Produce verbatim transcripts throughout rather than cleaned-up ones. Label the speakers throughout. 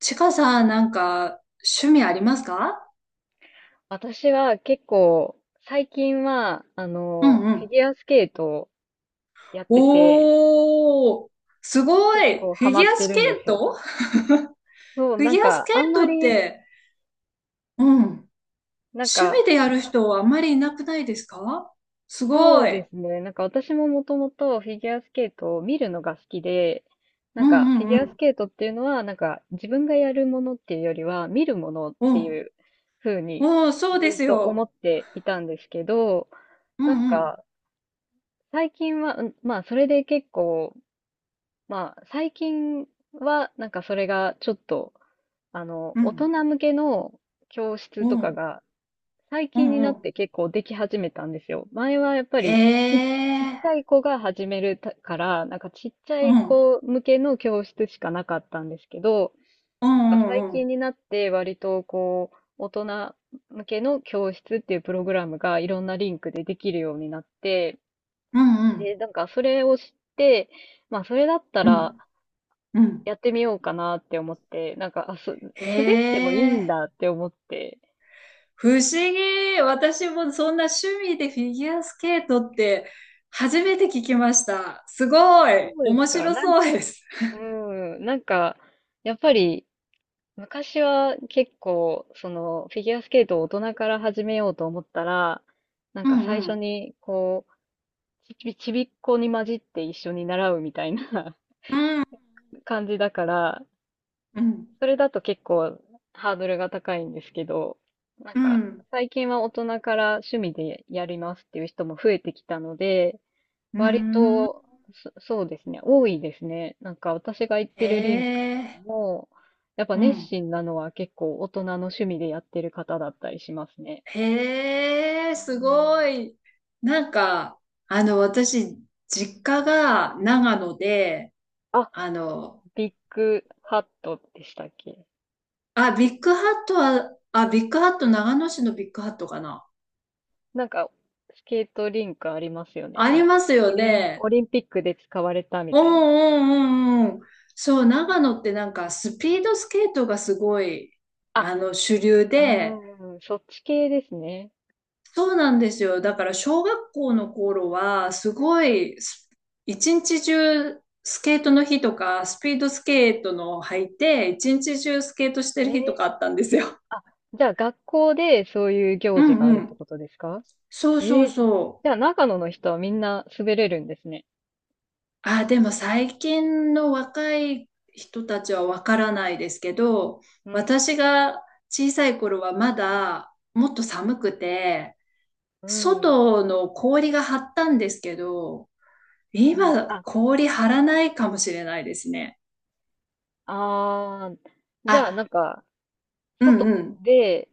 Speaker 1: ちかさん、なんか、趣味ありますか？
Speaker 2: 私は結構、最近は、あ
Speaker 1: う
Speaker 2: の、
Speaker 1: んう
Speaker 2: フィ
Speaker 1: ん。
Speaker 2: ギュアスケートをやってて、
Speaker 1: おー、すご
Speaker 2: 結
Speaker 1: い。
Speaker 2: 構
Speaker 1: フ
Speaker 2: ハ
Speaker 1: ィ
Speaker 2: マ
Speaker 1: ギュ
Speaker 2: っ
Speaker 1: ア
Speaker 2: て
Speaker 1: ス
Speaker 2: る
Speaker 1: ケ
Speaker 2: んで
Speaker 1: ー
Speaker 2: すよ。
Speaker 1: ト。
Speaker 2: そう、
Speaker 1: フィ
Speaker 2: なん
Speaker 1: ギュアス
Speaker 2: か、あん
Speaker 1: ケ
Speaker 2: ま
Speaker 1: ートっ
Speaker 2: り、
Speaker 1: て、うん。
Speaker 2: なん
Speaker 1: 趣味
Speaker 2: か、
Speaker 1: でやる人はあんまりいなくないですか？す
Speaker 2: そ
Speaker 1: ご
Speaker 2: うで
Speaker 1: い。
Speaker 2: すね。なんか私ももともとフィギュアスケートを見るのが好きで、な
Speaker 1: う
Speaker 2: んか、フィ
Speaker 1: ん
Speaker 2: ギ
Speaker 1: う
Speaker 2: ュアス
Speaker 1: ん
Speaker 2: ケートっていうのは、なんか、自分がやるものっていうよりは、見るものっ
Speaker 1: う
Speaker 2: て
Speaker 1: ん。
Speaker 2: いう風
Speaker 1: う
Speaker 2: に、
Speaker 1: ん。おー、そうで
Speaker 2: ず
Speaker 1: す
Speaker 2: っと思
Speaker 1: よ。
Speaker 2: っていたんですけど、
Speaker 1: う
Speaker 2: なん
Speaker 1: んうん
Speaker 2: か、最近は、うんまあ、それで結構、まあ、最近は、なんかそれがちょっと、あの、
Speaker 1: う
Speaker 2: 大
Speaker 1: ん。
Speaker 2: 人向けの教室
Speaker 1: う
Speaker 2: とか
Speaker 1: ん。
Speaker 2: が、最
Speaker 1: う
Speaker 2: 近に
Speaker 1: んう
Speaker 2: なっ
Speaker 1: ん。
Speaker 2: て結構でき始めたんですよ。前はやっぱ
Speaker 1: へ
Speaker 2: りち、ちっち
Speaker 1: ー。
Speaker 2: ゃい子が始めるたから、なんかちっちゃ
Speaker 1: う
Speaker 2: い
Speaker 1: ん。
Speaker 2: 子向けの教室しかなかったんですけど、
Speaker 1: う
Speaker 2: なん
Speaker 1: ん
Speaker 2: か
Speaker 1: う
Speaker 2: 最
Speaker 1: んう
Speaker 2: 近
Speaker 1: ん。
Speaker 2: になって割とこう、大人向けの教室っていうプログラムがいろんなリンクでできるようになって、
Speaker 1: うんうん。
Speaker 2: で、なんかそれを知って、まあそれだった
Speaker 1: う
Speaker 2: ら、
Speaker 1: んう
Speaker 2: や
Speaker 1: ん。
Speaker 2: ってみようかなって思って、なんか、あ、す、
Speaker 1: へ
Speaker 2: 滑ってもいいん
Speaker 1: ー。
Speaker 2: だって思って、
Speaker 1: 不思議。私もそんな趣味でフィギュアスケートって初めて聞きました。すご
Speaker 2: そ
Speaker 1: い。
Speaker 2: うで
Speaker 1: 面
Speaker 2: すか。
Speaker 1: 白
Speaker 2: なん
Speaker 1: そう
Speaker 2: か、
Speaker 1: です。
Speaker 2: うん、なんか、やっぱり、昔は結構、その、フィギュアスケートを大人から始めようと思ったら、なん
Speaker 1: う
Speaker 2: か
Speaker 1: んう
Speaker 2: 最初
Speaker 1: ん。
Speaker 2: に、こう、ちび、ちびっこに混じって一緒に習うみたいな
Speaker 1: うん。
Speaker 2: 感じだから、
Speaker 1: うん。
Speaker 2: それだと結構ハードルが高いんですけど、なん
Speaker 1: う
Speaker 2: か、
Speaker 1: ん。
Speaker 2: 最近は大人から趣味でやりますっていう人も増えてきたので、
Speaker 1: う
Speaker 2: 割
Speaker 1: ん。
Speaker 2: と、そ、そうですね。多いですね。なんか私が行っ
Speaker 1: へ
Speaker 2: てるリンク
Speaker 1: え。
Speaker 2: も、やっぱ
Speaker 1: う
Speaker 2: 熱
Speaker 1: ん。
Speaker 2: 心なのは結構大人の趣味でやってる方だったりしますね。
Speaker 1: へえ、
Speaker 2: う
Speaker 1: す
Speaker 2: ん。
Speaker 1: ごい。なんか、あの、私、実家が長野で、
Speaker 2: あ、
Speaker 1: あの、
Speaker 2: ビッグハットでしたっけ？
Speaker 1: あ、ビッグハットは、あ、ビッグハット、長野市のビッグハットかな。
Speaker 2: なんか、スケートリンクありますよね。
Speaker 1: あ
Speaker 2: な
Speaker 1: り
Speaker 2: んか、
Speaker 1: ますよ
Speaker 2: オリン、
Speaker 1: ね。
Speaker 2: オリンピックで使われたみ
Speaker 1: うん
Speaker 2: たいな。
Speaker 1: うんうんうん。そう、長野ってなんかスピードスケートがすごい、
Speaker 2: あ、
Speaker 1: あの、主流
Speaker 2: う
Speaker 1: で、
Speaker 2: ーん、そっち系ですね。
Speaker 1: そうなんですよ。だから小学校の頃は、すごいス、す一日中スケートの日とか、スピードスケートの履いて、一日中スケートして
Speaker 2: え
Speaker 1: る日とか
Speaker 2: ー、
Speaker 1: あったんですよ。
Speaker 2: あ、じゃあ学校でそういう
Speaker 1: う
Speaker 2: 行事があ
Speaker 1: ん
Speaker 2: る
Speaker 1: う
Speaker 2: って
Speaker 1: ん。
Speaker 2: ことですか？
Speaker 1: そうそ
Speaker 2: え
Speaker 1: う
Speaker 2: え、
Speaker 1: そう。
Speaker 2: じゃあ長野の人はみんな滑れるんですね。
Speaker 1: あ、でも最近の若い人たちはわからないですけど、
Speaker 2: うん、
Speaker 1: 私が小さい頃はまだもっと寒くて、
Speaker 2: うん、
Speaker 1: 外の氷が張ったんですけど、
Speaker 2: うん。
Speaker 1: 今
Speaker 2: あ、
Speaker 1: 氷張らないかもしれないですね。
Speaker 2: あー、じゃあな
Speaker 1: あ、
Speaker 2: んか、
Speaker 1: うん
Speaker 2: 外
Speaker 1: うん。
Speaker 2: で、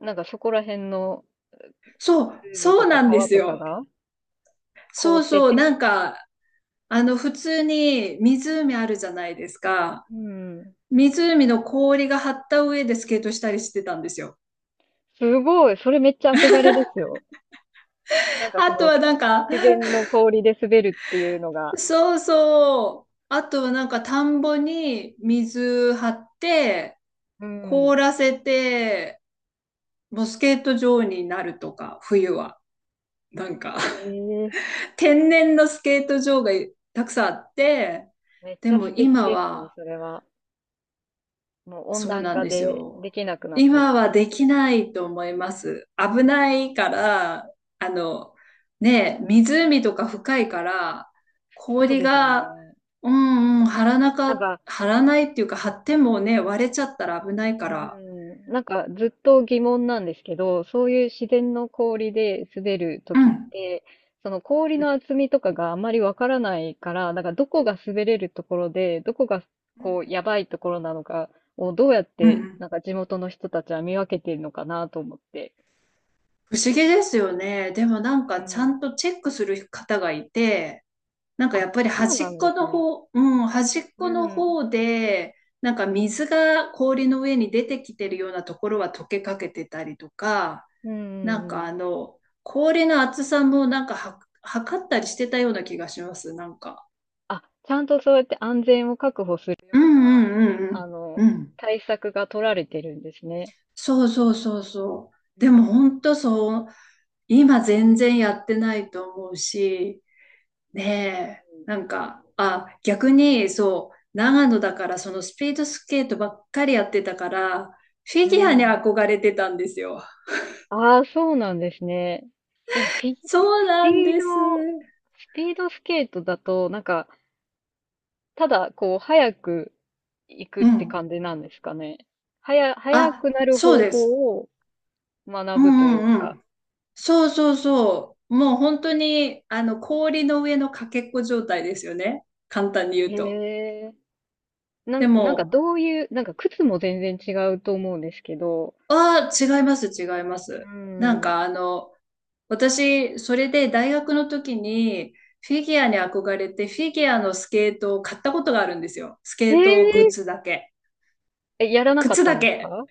Speaker 2: なんかそこら辺の
Speaker 1: そう、
Speaker 2: 海
Speaker 1: そ
Speaker 2: と
Speaker 1: う
Speaker 2: か
Speaker 1: なんで
Speaker 2: 川
Speaker 1: す
Speaker 2: とか
Speaker 1: よ。
Speaker 2: が凍
Speaker 1: そ
Speaker 2: っ
Speaker 1: う
Speaker 2: て
Speaker 1: そう、なん
Speaker 2: て、
Speaker 1: か、あの、普通に湖あるじゃないですか。
Speaker 2: うん。
Speaker 1: 湖の氷が張った上でスケートしたりしてたんですよ。
Speaker 2: すごい、それめっちゃ憧れですよ。なんかそ
Speaker 1: あと
Speaker 2: の、
Speaker 1: はなんか、
Speaker 2: 自然の氷で滑るっていうのが。
Speaker 1: そうそう。あとはなんか田んぼに水張って、
Speaker 2: うん。
Speaker 1: 凍らせて、もうスケート場になるとか、冬は。なんか
Speaker 2: え え、
Speaker 1: 天然のスケート場がたくさんあって、
Speaker 2: めっ
Speaker 1: で
Speaker 2: ちゃ
Speaker 1: も
Speaker 2: 素敵
Speaker 1: 今
Speaker 2: ですね、
Speaker 1: は
Speaker 2: それは。もう温
Speaker 1: そう
Speaker 2: 暖
Speaker 1: なん
Speaker 2: 化
Speaker 1: です
Speaker 2: で
Speaker 1: よ。
Speaker 2: できなくなっちゃっ
Speaker 1: 今
Speaker 2: た。
Speaker 1: はできないと思います。危ないから、あの、ねえ、湖とか深いから、
Speaker 2: そう
Speaker 1: 氷
Speaker 2: ですよ
Speaker 1: が、
Speaker 2: ね。
Speaker 1: うんうん、張らな
Speaker 2: なん
Speaker 1: か、
Speaker 2: か
Speaker 1: 張らないっていうか、張ってもね、割れちゃったら危ない
Speaker 2: う
Speaker 1: から、
Speaker 2: ん、なんかずっと疑問なんですけど、そういう自然の氷で滑ると
Speaker 1: う
Speaker 2: きっ
Speaker 1: ん、
Speaker 2: て、その氷
Speaker 1: うん
Speaker 2: の厚みとかがあまりわからないから、なんかどこが滑れるところで、どこが
Speaker 1: う
Speaker 2: こう
Speaker 1: ん
Speaker 2: やばいところなのかをどうやっ
Speaker 1: うんう
Speaker 2: て
Speaker 1: ん。
Speaker 2: なんか地元の人たちは見分けてるのかなと思って。
Speaker 1: 不思議ですよね。でもなん
Speaker 2: う
Speaker 1: か、ちゃ
Speaker 2: ん。
Speaker 1: んとチェックする方がいて、なんか
Speaker 2: あ、
Speaker 1: やっぱり
Speaker 2: そう
Speaker 1: 端
Speaker 2: な
Speaker 1: っ
Speaker 2: んで
Speaker 1: こ
Speaker 2: す
Speaker 1: の
Speaker 2: ね。
Speaker 1: 方、うん、端っ
Speaker 2: う
Speaker 1: この
Speaker 2: ん。
Speaker 1: 方で、なんか水が氷の上に出てきてるようなところは溶けかけてたりとか、
Speaker 2: うんう
Speaker 1: な
Speaker 2: ん
Speaker 1: ん
Speaker 2: う
Speaker 1: か
Speaker 2: ん。
Speaker 1: あの、氷の厚さもなんかは測ったりしてたような気がします、なんか。
Speaker 2: あ、ちゃんとそうやって安全を確保する
Speaker 1: う
Speaker 2: ような、
Speaker 1: んうんう
Speaker 2: あ
Speaker 1: んう
Speaker 2: の、
Speaker 1: ん。うん。
Speaker 2: 対策が取られてるんですね。
Speaker 1: そうそうそうそう。でも本当そう、今全然やってないと思うし、ねえ、なんか、あ、逆に、そう、長野だから、そのスピードスケートばっかりやってたから、フィ
Speaker 2: う
Speaker 1: ギュアに
Speaker 2: ん。
Speaker 1: 憧れてたんですよ。
Speaker 2: ああ、そうなんですね。でも、ピ、
Speaker 1: そう
Speaker 2: スピ
Speaker 1: なん
Speaker 2: ー
Speaker 1: です。
Speaker 2: ド、スピードスケートだと、なんか、ただ、こう、速く行くっ
Speaker 1: う
Speaker 2: て
Speaker 1: ん。
Speaker 2: 感じなんですかね。はや、速
Speaker 1: あ、
Speaker 2: くなる
Speaker 1: そう
Speaker 2: 方
Speaker 1: で
Speaker 2: 法
Speaker 1: す。
Speaker 2: を
Speaker 1: う
Speaker 2: 学ぶと
Speaker 1: ん
Speaker 2: いう
Speaker 1: うんう
Speaker 2: か。
Speaker 1: ん。そうそうそう。もう本当に、あの、氷の上のかけっこ状態ですよね。簡単に言
Speaker 2: へ
Speaker 1: うと。
Speaker 2: え。な
Speaker 1: で
Speaker 2: ん、なんか
Speaker 1: も、
Speaker 2: どういう、なんか靴も全然違うと思うんですけど。
Speaker 1: ああ、違います、違いま
Speaker 2: う
Speaker 1: す。なん
Speaker 2: ん。
Speaker 1: か、あの、私、それで大学の時にフィギュアに憧れて、フィギュアのスケートを買ったことがあるんですよ。スケ
Speaker 2: え
Speaker 1: ートグ
Speaker 2: え
Speaker 1: ッズだけ。
Speaker 2: え、やらなかっ
Speaker 1: 靴
Speaker 2: たん
Speaker 1: だ
Speaker 2: です
Speaker 1: け。
Speaker 2: か？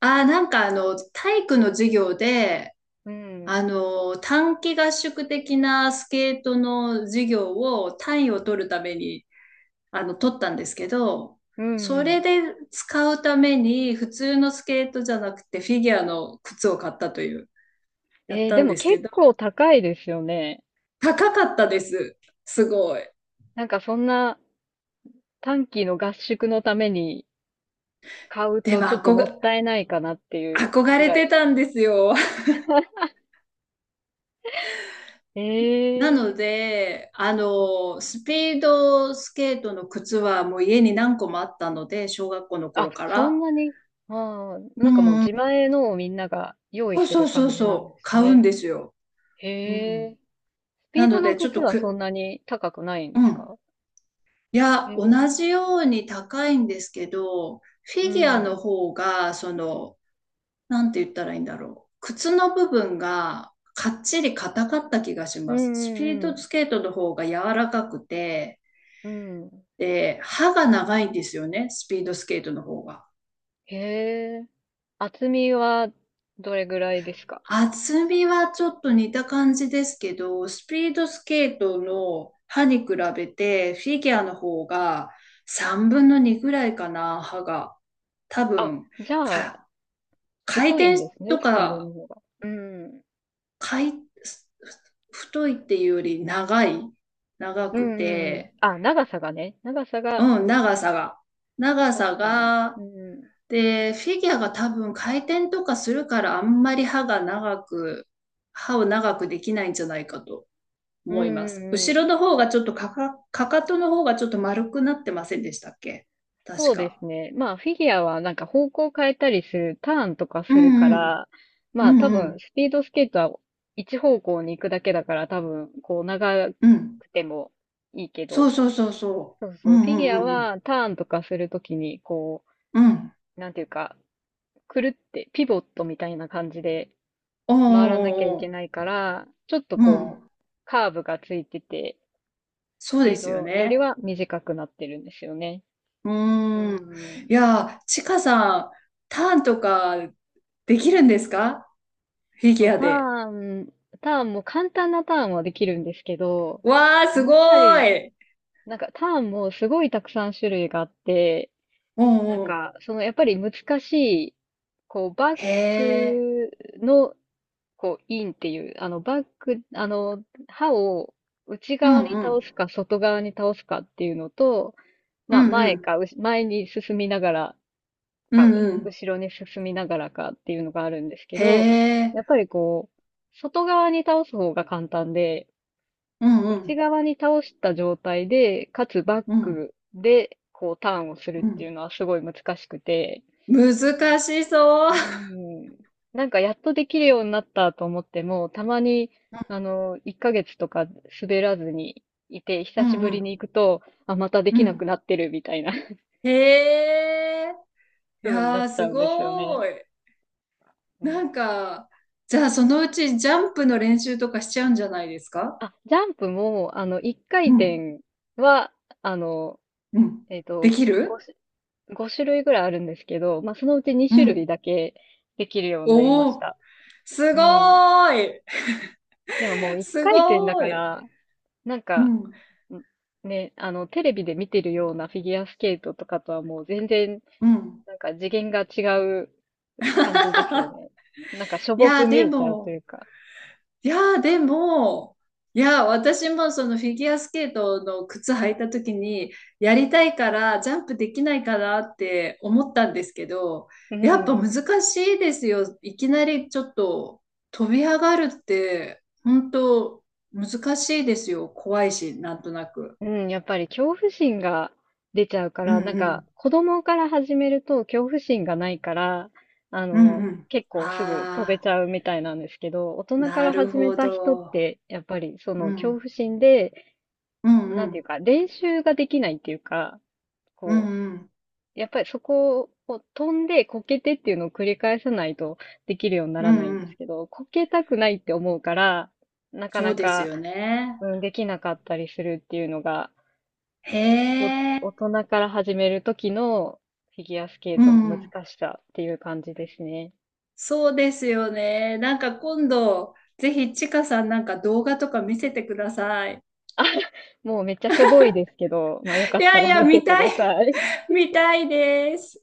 Speaker 1: ああ、なんかあの、体育の授業で、
Speaker 2: うん。
Speaker 1: あの、短期合宿的なスケートの授業を単位を取るために、あの、取ったんですけど、
Speaker 2: うんう
Speaker 1: それ
Speaker 2: ん。
Speaker 1: で使うために普通のスケートじゃなくてフィギュアの靴を買ったという、やっ
Speaker 2: えー、
Speaker 1: た
Speaker 2: で
Speaker 1: ん
Speaker 2: も
Speaker 1: です
Speaker 2: 結
Speaker 1: けど、
Speaker 2: 構高いですよね。
Speaker 1: 高かったです。すごい。
Speaker 2: なんかそんな短期の合宿のために買う
Speaker 1: で
Speaker 2: と
Speaker 1: も
Speaker 2: ちょっと
Speaker 1: 憧
Speaker 2: もっ
Speaker 1: れ
Speaker 2: たいないかなっていう
Speaker 1: 憧
Speaker 2: ぐ
Speaker 1: れ
Speaker 2: ら
Speaker 1: て
Speaker 2: い。
Speaker 1: たんですよ。なの
Speaker 2: ええ。
Speaker 1: で、あの、スピードスケートの靴はもう家に何個もあったので、小学校の
Speaker 2: あ、
Speaker 1: 頃か
Speaker 2: そん
Speaker 1: ら。
Speaker 2: なに。ああ、なんかもう自前のをみんなが用意
Speaker 1: そう
Speaker 2: す
Speaker 1: そ
Speaker 2: る
Speaker 1: うそう
Speaker 2: 感じなんで
Speaker 1: そう、
Speaker 2: す
Speaker 1: 買うん
Speaker 2: ね。
Speaker 1: ですよ。う
Speaker 2: へえ。
Speaker 1: ん。
Speaker 2: スピ
Speaker 1: な
Speaker 2: ード
Speaker 1: の
Speaker 2: の
Speaker 1: で、ちょっ
Speaker 2: 靴
Speaker 1: と
Speaker 2: はそん
Speaker 1: く、
Speaker 2: なに高くないんで
Speaker 1: う
Speaker 2: す
Speaker 1: ん。
Speaker 2: か？
Speaker 1: い
Speaker 2: へ
Speaker 1: や、同
Speaker 2: え。
Speaker 1: じように高いんですけど、フ
Speaker 2: う
Speaker 1: ィギュアの
Speaker 2: ん。
Speaker 1: 方が、その、なんて言ったらいいんだろう。靴の部分がかっちり硬かった気がし
Speaker 2: うん
Speaker 1: ます。スピー
Speaker 2: うんう
Speaker 1: ド
Speaker 2: ん。
Speaker 1: スケートの方が柔らかくて、
Speaker 2: うん。
Speaker 1: で、歯が長いんですよね、スピードスケートの方が。
Speaker 2: へえ。厚みはどれぐらいですか？
Speaker 1: 厚みはちょっと似た感じですけど、スピードスケートの歯に比べて、フィギュアの方がさんぶんのにぐらいかな、歯が。多
Speaker 2: あ、
Speaker 1: 分、
Speaker 2: じゃあ、
Speaker 1: か、回
Speaker 2: 太い
Speaker 1: 転
Speaker 2: んですね、
Speaker 1: と
Speaker 2: スピード
Speaker 1: か、
Speaker 2: の方が。うん。
Speaker 1: 回、太いっていうより長い、長
Speaker 2: う
Speaker 1: く
Speaker 2: んうんうん。
Speaker 1: て、
Speaker 2: あ、長さがね。長さが、
Speaker 1: う
Speaker 2: う
Speaker 1: ん、長
Speaker 2: ん。
Speaker 1: さが。長さ
Speaker 2: 確かに。
Speaker 1: が。
Speaker 2: うん。
Speaker 1: で、フィギュアが多分回転とかするからあんまり歯が長く、歯を長くできないんじゃないかと
Speaker 2: うん
Speaker 1: 思いま
Speaker 2: う
Speaker 1: す。
Speaker 2: んう
Speaker 1: 後
Speaker 2: ん。
Speaker 1: ろの方がちょっとかか、かかとの方がちょっと丸くなってませんでしたっけ？確
Speaker 2: そうで
Speaker 1: か。
Speaker 2: すね。まあ、フィギュアはなんか方向変えたりする、ターンとか
Speaker 1: う
Speaker 2: するか
Speaker 1: んうん。
Speaker 2: ら、
Speaker 1: う
Speaker 2: まあ多
Speaker 1: んう
Speaker 2: 分、
Speaker 1: ん。
Speaker 2: スピードスケートは一方向に行くだけだから多分、こう長く
Speaker 1: うん。
Speaker 2: てもいいけ
Speaker 1: そ
Speaker 2: ど、
Speaker 1: うそうそうそ
Speaker 2: そう
Speaker 1: う。う
Speaker 2: そう、フィギ
Speaker 1: ん
Speaker 2: ュ
Speaker 1: う
Speaker 2: ア
Speaker 1: んうん
Speaker 2: はターンとかするときに、こ
Speaker 1: うん。うん。
Speaker 2: う、なんていうか、くるってピボットみたいな感じで
Speaker 1: おーお
Speaker 2: 回らなきゃい
Speaker 1: ーお
Speaker 2: けない
Speaker 1: ー。
Speaker 2: から、ちょっと
Speaker 1: うん。
Speaker 2: こう、カーブがついてて、
Speaker 1: そ
Speaker 2: ス
Speaker 1: う
Speaker 2: ピ
Speaker 1: で
Speaker 2: ー
Speaker 1: すよ
Speaker 2: ドより
Speaker 1: ね。
Speaker 2: は短くなってるんですよね。
Speaker 1: う
Speaker 2: う
Speaker 1: ーん。
Speaker 2: ん。
Speaker 1: いやー、ちかさん、ターンとかできるんですか？フィギ
Speaker 2: そう、
Speaker 1: ュア
Speaker 2: タ
Speaker 1: で。
Speaker 2: ーン、ターンも簡単なターンはできるんですけど、
Speaker 1: わあ、す
Speaker 2: や
Speaker 1: ご
Speaker 2: っぱり、
Speaker 1: い。
Speaker 2: なんかターンもすごいたくさん種類があって、
Speaker 1: う
Speaker 2: なん
Speaker 1: んうん。
Speaker 2: か、そのやっぱり難しい、こう、バッ
Speaker 1: へえ。
Speaker 2: クの、こう、インっていう、あの、バック、あの、刃を内
Speaker 1: う
Speaker 2: 側に
Speaker 1: んうん。
Speaker 2: 倒すか外側に倒すかっていうのと、
Speaker 1: う
Speaker 2: まあ、
Speaker 1: んう
Speaker 2: 前
Speaker 1: ん。
Speaker 2: か、うし前に進みながら
Speaker 1: う
Speaker 2: か、
Speaker 1: んうん。
Speaker 2: 後ろに進みながらかっていうのがあるんですけ
Speaker 1: へ
Speaker 2: ど、
Speaker 1: え。
Speaker 2: やっぱりこう、外側に倒す方が簡単で、
Speaker 1: うんう
Speaker 2: 内
Speaker 1: ん。
Speaker 2: 側に倒した状態で、かつバッ
Speaker 1: うん。
Speaker 2: クで、こう、ターンをするっ
Speaker 1: う
Speaker 2: ていう
Speaker 1: ん。
Speaker 2: のはすごい難しくて、
Speaker 1: 難しそう。
Speaker 2: うん。なんかやっとできるようになったと思っても、たまに、あの、いっかげつとか滑らずにいて、
Speaker 1: う
Speaker 2: 久し
Speaker 1: んう
Speaker 2: ぶり
Speaker 1: ん
Speaker 2: に行くと、あ、またで
Speaker 1: う
Speaker 2: きなく
Speaker 1: ん。
Speaker 2: なってるみたいな
Speaker 1: へえ。い
Speaker 2: 風にな
Speaker 1: や
Speaker 2: っ
Speaker 1: ー、
Speaker 2: ち
Speaker 1: す
Speaker 2: ゃうんですよね。
Speaker 1: ごい。
Speaker 2: うん。
Speaker 1: なんか、じゃあそのうちジャンプの練習とかしちゃうんじゃないですか？
Speaker 2: あ、ジャンプも、あの、いっかい
Speaker 1: うん。
Speaker 2: 転は、あの、
Speaker 1: うん。
Speaker 2: えっ
Speaker 1: で
Speaker 2: と、
Speaker 1: き
Speaker 2: 5
Speaker 1: る。
Speaker 2: し、ご種類ぐらいあるんですけど、まあ、そのうちに
Speaker 1: う
Speaker 2: 種類
Speaker 1: ん。
Speaker 2: だけできるようになりま
Speaker 1: お
Speaker 2: し
Speaker 1: お、
Speaker 2: た。
Speaker 1: す
Speaker 2: う
Speaker 1: ご
Speaker 2: ん。
Speaker 1: ーい。
Speaker 2: でももう 1
Speaker 1: す
Speaker 2: 回転だ
Speaker 1: ご
Speaker 2: か
Speaker 1: ーい。
Speaker 2: ら、なん
Speaker 1: う
Speaker 2: か、
Speaker 1: ん。
Speaker 2: んね、あの、テレビで見てるようなフィギュアスケートとかとはもう全然、
Speaker 1: うん。
Speaker 2: なんか次元が違う感じですよね。なんかしょ
Speaker 1: い
Speaker 2: ぼ
Speaker 1: や
Speaker 2: く
Speaker 1: ー、
Speaker 2: 見
Speaker 1: で
Speaker 2: えちゃうとい
Speaker 1: も、
Speaker 2: うか。
Speaker 1: いやー、でも、いやー、私もそのフィギュアスケートの靴履いた時に、やりたいから、ジャンプできないかなって思ったんですけど、
Speaker 2: う
Speaker 1: やっぱ
Speaker 2: ん。
Speaker 1: 難しいですよ。いきなりちょっと飛び上がるって、本当難しいですよ。怖いし、なんとなく。
Speaker 2: うん、やっぱり恐怖心が出ちゃうか
Speaker 1: う
Speaker 2: ら、
Speaker 1: ん
Speaker 2: なん
Speaker 1: う
Speaker 2: か
Speaker 1: ん。
Speaker 2: 子供から始めると恐怖心がないから、あ
Speaker 1: う
Speaker 2: の、
Speaker 1: んうん。
Speaker 2: 結構すぐ飛べ
Speaker 1: ああ
Speaker 2: ちゃうみたいなんですけど、大人か
Speaker 1: な
Speaker 2: ら
Speaker 1: る
Speaker 2: 始め
Speaker 1: ほ
Speaker 2: た人っ
Speaker 1: ど。
Speaker 2: て、やっぱりそ
Speaker 1: う
Speaker 2: の恐
Speaker 1: ん。
Speaker 2: 怖心で、
Speaker 1: うんう
Speaker 2: なんていう
Speaker 1: ん。
Speaker 2: か、練習ができないっていうか、
Speaker 1: うん
Speaker 2: こ
Speaker 1: うん。
Speaker 2: う、やっぱりそこを飛んでこけてっていうのを繰り返さないとできるようにな
Speaker 1: う
Speaker 2: ら
Speaker 1: ん
Speaker 2: ないん
Speaker 1: う
Speaker 2: です
Speaker 1: ん。
Speaker 2: けど、こけたくないって思うから、なか
Speaker 1: そ
Speaker 2: な
Speaker 1: うです
Speaker 2: か、
Speaker 1: よね。
Speaker 2: うん、できなかったりするっていうのが
Speaker 1: へ
Speaker 2: お
Speaker 1: え、
Speaker 2: 大人から始める時のフィギュアスケー
Speaker 1: う
Speaker 2: トの難
Speaker 1: ん。
Speaker 2: しさっていう感じですね。
Speaker 1: そうですよね。なんか今度、ぜひちかさんなんか動画とか見せてください。
Speaker 2: もうめっちゃしょぼいですけど、まあよか
Speaker 1: い
Speaker 2: った
Speaker 1: やい
Speaker 2: ら
Speaker 1: や、
Speaker 2: 見て
Speaker 1: 見
Speaker 2: く
Speaker 1: たい、
Speaker 2: ださい。
Speaker 1: 見たいです。